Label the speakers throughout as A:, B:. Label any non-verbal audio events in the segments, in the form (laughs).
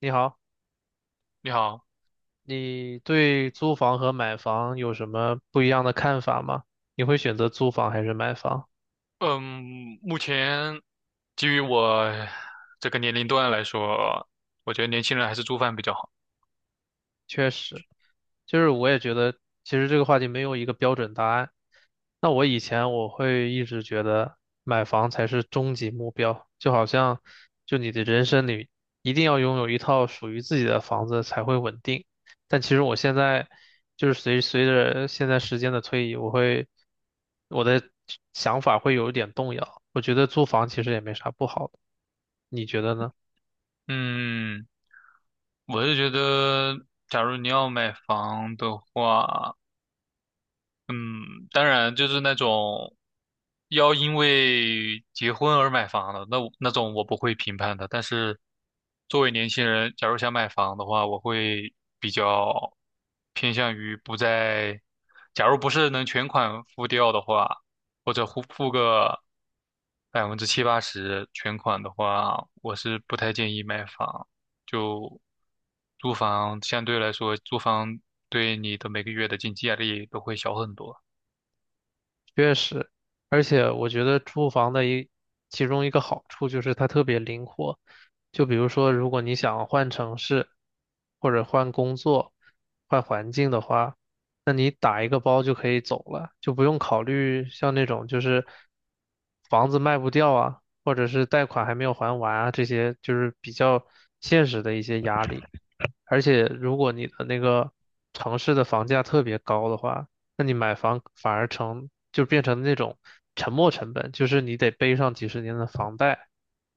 A: 你好，
B: 你好，
A: 你对租房和买房有什么不一样的看法吗？你会选择租房还是买房？
B: 嗯，目前基于我这个年龄段来说，我觉得年轻人还是租房比较好。
A: 确实，就是我也觉得，其实这个话题没有一个标准答案。那我以前会一直觉得买房才是终极目标，就好像你的人生里一定要拥有一套属于自己的房子才会稳定。但其实我现在就是随着现在时间的推移，我的想法会有一点动摇。我觉得租房其实也没啥不好的，你觉得呢？
B: 嗯，我是觉得，假如你要买房的话，嗯，当然就是那种要因为结婚而买房的，那我那种我不会评判的。但是作为年轻人，假如想买房的话，我会比较偏向于不在，假如不是能全款付掉的话，或者付个百分之七八十全款的话，我是不太建议买房。就租房相对来说，租房对你的每个月的经济压力都会小很多。
A: 确实，而且我觉得住房的其中一个好处就是它特别灵活。就比如说，如果你想换城市，或者换工作、换环境的话，那你打一个包就可以走了，就不用考虑像那种就是房子卖不掉啊，或者是贷款还没有还完啊，这些就是比较现实的一些压力。而且，如果你的那个城市的房价特别高的话，那你买房反而成，就变成那种沉没成本，就是你得背上几十年的房贷，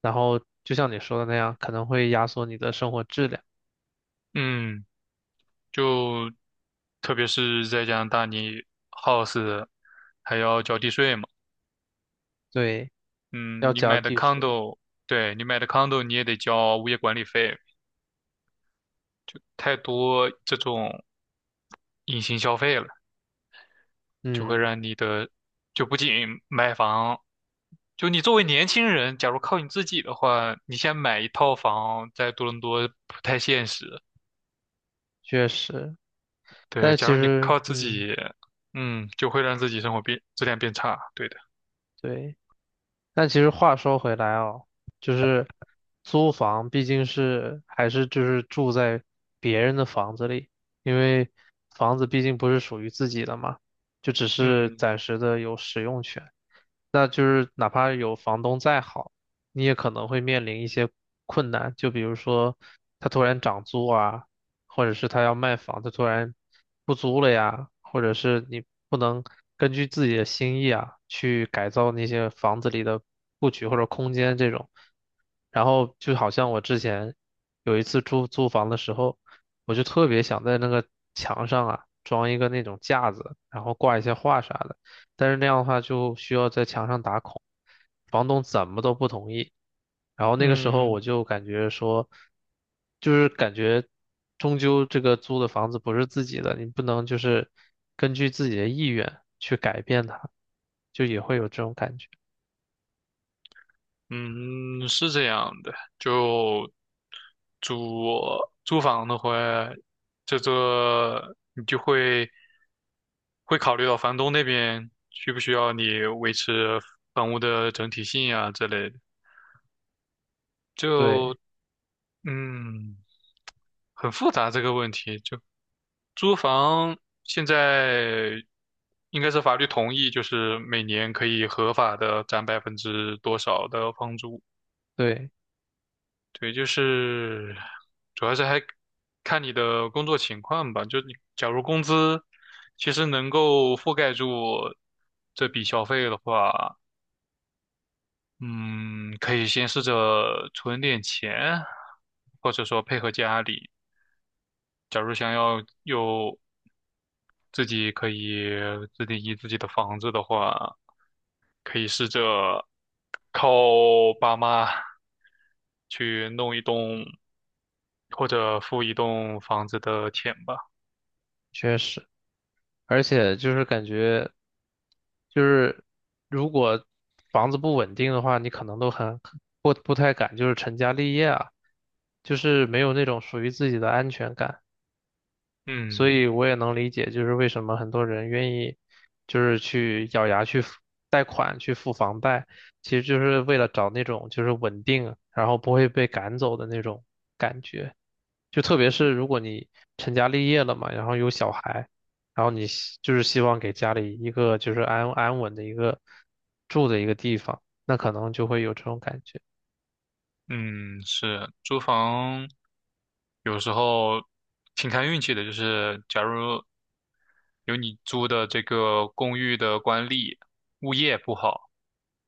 A: 然后就像你说的那样，可能会压缩你的生活质量。
B: 嗯，就特别是在加拿大，你 house 还要交地税嘛。
A: 对，要
B: 嗯，你
A: 交
B: 买的
A: 地税。
B: condo，对，你买的 condo 你也得交物业管理费，就太多这种隐形消费了，就会
A: 嗯，
B: 让你的，就不仅买房，就你作为年轻人，假如靠你自己的话，你先买一套房在多伦多不太现实。
A: 确实。
B: 对，
A: 但
B: 假
A: 其
B: 如你
A: 实，
B: 靠自
A: 嗯，
B: 己，就会让自己生活变质量变差。对的。
A: 对。但其实话说回来哦，就是租房毕竟还是住在别人的房子里，因为房子毕竟不是属于自己的嘛，就只是
B: 嗯
A: 暂时的有使用权。那就是哪怕有房东再好，你也可能会面临一些困难，就比如说他突然涨租啊，或者是他要卖房，他突然不租了呀，或者是你不能根据自己的心意啊去改造那些房子里的布局或者空间这种。然后就好像我之前有一次租房的时候，我就特别想在那个墙上啊装一个那种架子，然后挂一些画啥的。但是那样的话就需要在墙上打孔，房东怎么都不同意。然后那个时候
B: 嗯
A: 我就感觉说，就是感觉终究这个租的房子不是自己的，你不能就是根据自己的意愿去改变它，就也会有这种感觉。
B: 嗯，是这样的，就租租房的话，这个你就会考虑到房东那边需不需要你维持房屋的整体性啊之类的，
A: 对，
B: 就嗯很复杂这个问题。就租房现在应该是法律同意，就是每年可以合法的占百分之多少的房租。
A: 对，
B: 对，就是主要是还看你的工作情况吧。就你假如工资其实能够覆盖住这笔消费的话，嗯，可以先试着存点钱，或者说配合家里。假如想要有自己可以自定义自己的房子的话，可以试着靠爸妈去弄一栋或者付一栋房子的钱吧。
A: 确实。而且就是感觉，就是如果房子不稳定的话，你可能都很不太敢，就是成家立业啊，就是没有那种属于自己的安全感。所
B: 嗯
A: 以我也能理解，就是为什么很多人愿意，就是去咬牙去付贷款去付房贷，其实就是为了找那种就是稳定，然后不会被赶走的那种感觉。就特别是如果你成家立业了嘛，然后有小孩，然后你希就是希望给家里一个就是安稳的一个住的一个地方，那可能就会有这种感觉。
B: 嗯，是租房有时候挺看运气的，就是假如有你租的这个公寓的管理物业不好，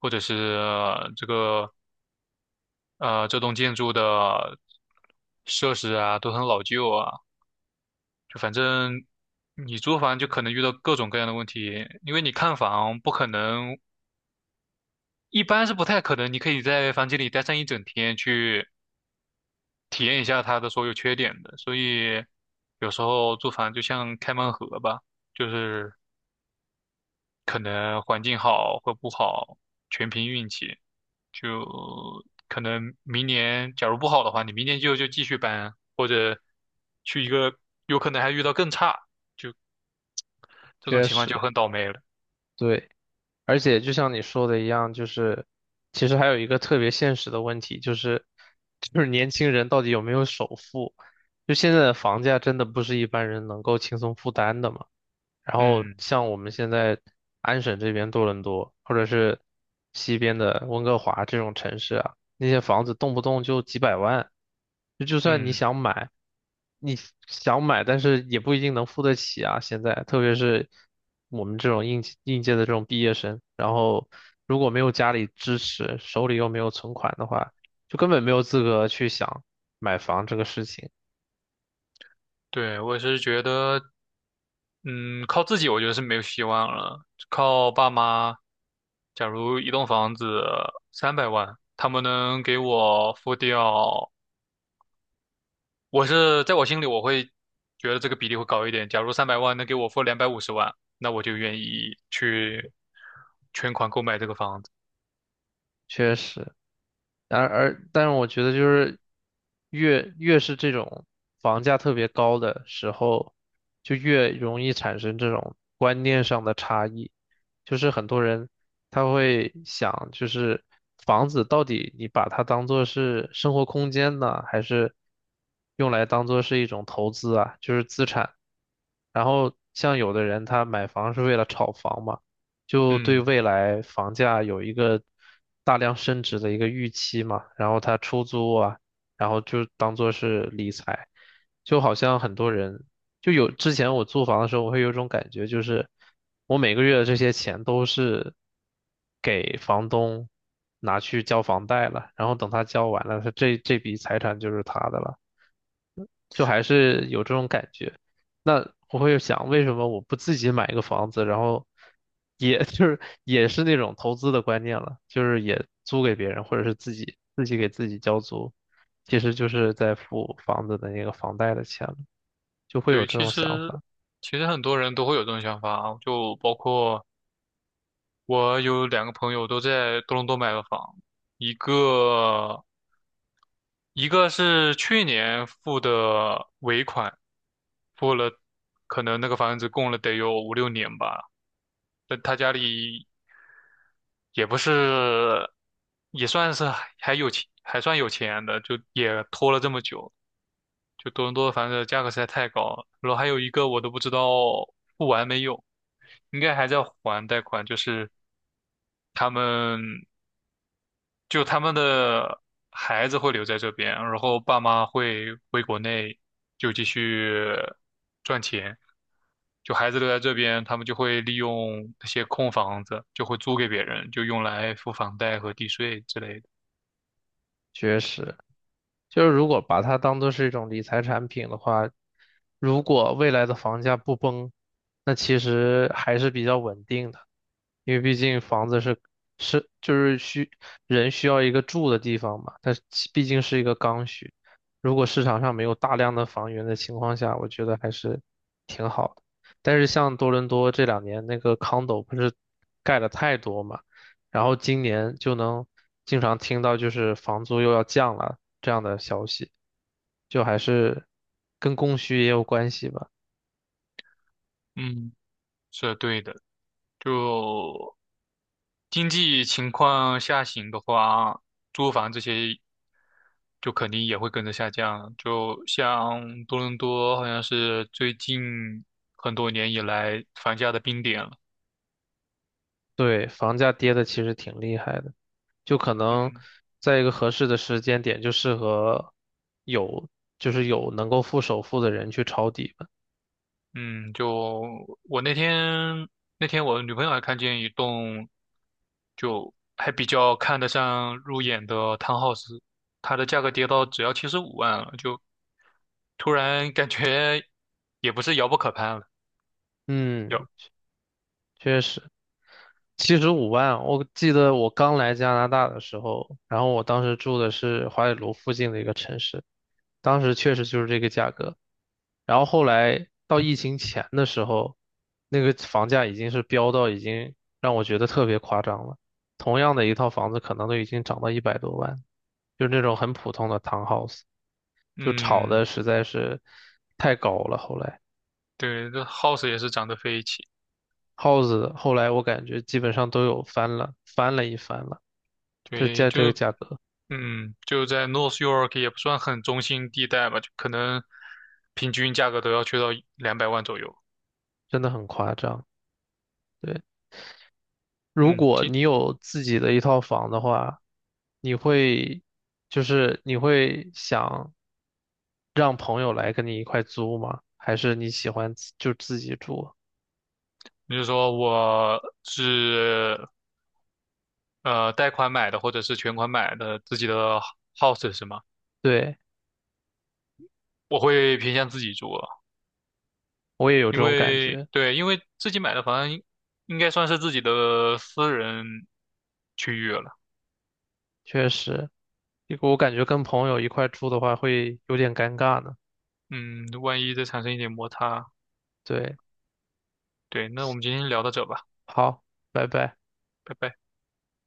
B: 或者是这个这栋建筑的设施啊都很老旧啊，就反正你租房就可能遇到各种各样的问题，因为你看房不可能，一般是不太可能，你可以在房间里待上一整天去。体验一下它的所有缺点的。所以有时候租房就像开盲盒吧，就是可能环境好或不好，全凭运气。就可能明年假如不好的话，你明年就继续搬，或者去一个有可能还遇到更差，就这种
A: 确
B: 情况就
A: 实，
B: 很倒霉了。
A: 对。而且就像你说的一样，就是其实还有一个特别现实的问题，就是年轻人到底有没有首付？就现在的房价真的不是一般人能够轻松负担的嘛。然后
B: 嗯
A: 像我们现在安省这边多伦多，或者是西边的温哥华这种城市啊，那些房子动不动就几百万，就算你
B: 嗯，
A: 想买，你但是也不一定能付得起啊。现在，特别是我们这种应届的这种毕业生，然后如果没有家里支持，手里又没有存款的话，就根本没有资格去想买房这个事情。
B: 对，我是觉得嗯，靠自己我觉得是没有希望了，靠爸妈。假如一栋房子三百万，他们能给我付掉，我是在我心里我会觉得这个比例会高一点。假如三百万能给我付250万，那我就愿意去全款购买这个房子。
A: 确实。然而，但是我觉得就是越是这种房价特别高的时候，就越容易产生这种观念上的差异。就是很多人他会想，就是房子到底你把它当做是生活空间呢，还是用来当做是一种投资啊，就是资产。然后像有的人他买房是为了炒房嘛。就对
B: 嗯，
A: 未来房价有一个大量升值的一个预期嘛，然后他出租啊，然后就当做是理财，就好像很多人就有之前我租房的时候，我会有一种感觉，就是我每个月的这些钱都是给房东拿去交房贷了，然后等他交完了，他这笔财产就是他的了。就还是有这种感觉。那我会想，为什么我不自己买一个房子，然后也 (laughs) 就是也是那种投资的观念了，就是也租给别人，或者是自己给自己交租，其实就是在付房子的那个房贷的钱了，就会有
B: 对，
A: 这
B: 其
A: 种想
B: 实
A: 法，
B: 其实很多人都会有这种想法啊，就包括我有两个朋友都在多伦多买了房，一个一个是去年付的尾款，付了可能那个房子供了得有五六年吧，但他家里也不是，也算是还有钱，还算有钱的，就也拖了这么久。就多伦多的房子价格实在太高了，然后还有一个我都不知道付完没有，应该还在还贷款，就是他们。就他们的孩子会留在这边，然后爸妈会回国内就继续赚钱。就孩子留在这边，他们就会利用那些空房子，就会租给别人，就用来付房贷和地税之类的。
A: 确实。就是如果把它当做是一种理财产品的话，如果未来的房价不崩，那其实还是比较稳定的，因为毕竟房子是是就是需人需要一个住的地方嘛，它毕竟是一个刚需。如果市场上没有大量的房源的情况下，我觉得还是挺好的。但是像多伦多这两年那个 condo 不是盖了太多嘛？然后今年就能经常听到就是房租又要降了这样的消息，就还是跟供需也有关系吧。
B: 嗯，是对的。就经济情况下行的话，租房这些就肯定也会跟着下降。就像多伦多，好像是最近很多年以来房价的冰点了。
A: 对，房价跌的其实挺厉害的，就可能
B: 嗯
A: 在一个合适的时间点，就适合有就是有能够付首付的人去抄底吧。
B: 嗯，就我那天我女朋友还看见一栋就还比较看得上入眼的 townhouse，它的价格跌到只要75万了，就突然感觉也不是遥不可攀了。
A: 嗯，
B: 有，
A: 确实。75万，我记得我刚来加拿大的时候，然后我当时住的是华北卢附近的一个城市，当时确实就是这个价格。然后后来到疫情前的时候，那个房价已经是飙到已经让我觉得特别夸张了。同样的一套房子，可能都已经涨到一百多万，就是那种很普通的 townhouse，就炒
B: 嗯。
A: 的实在是太高了。后来
B: 对，这 house 也是涨得飞起，
A: house 后来我感觉基本上都有翻了一番了。就
B: 对，
A: 在这个
B: 就
A: 价格，
B: 在 North York 也不算很中心地带吧，就可能平均价格都要去到200万左右。
A: 真的很夸张。对，如
B: 嗯，
A: 果
B: 今
A: 你有自己的一套房的话，你会，你会想让朋友来跟你一块租吗？还是你喜欢自己住？
B: 你就说我是贷款买的，或者是全款买的自己的 house 是吗？
A: 对，
B: 我会偏向自己住了，
A: 我也有
B: 因
A: 这种感
B: 为
A: 觉，
B: 对，因为自己买的房应该算是自己的私人区域了。
A: 确实，我感觉跟朋友一块住的话会有点尴尬呢。
B: 嗯，万一再产生一点摩擦，
A: 对，
B: 对，那我们今天聊到这吧，
A: 好，拜拜。
B: 拜拜。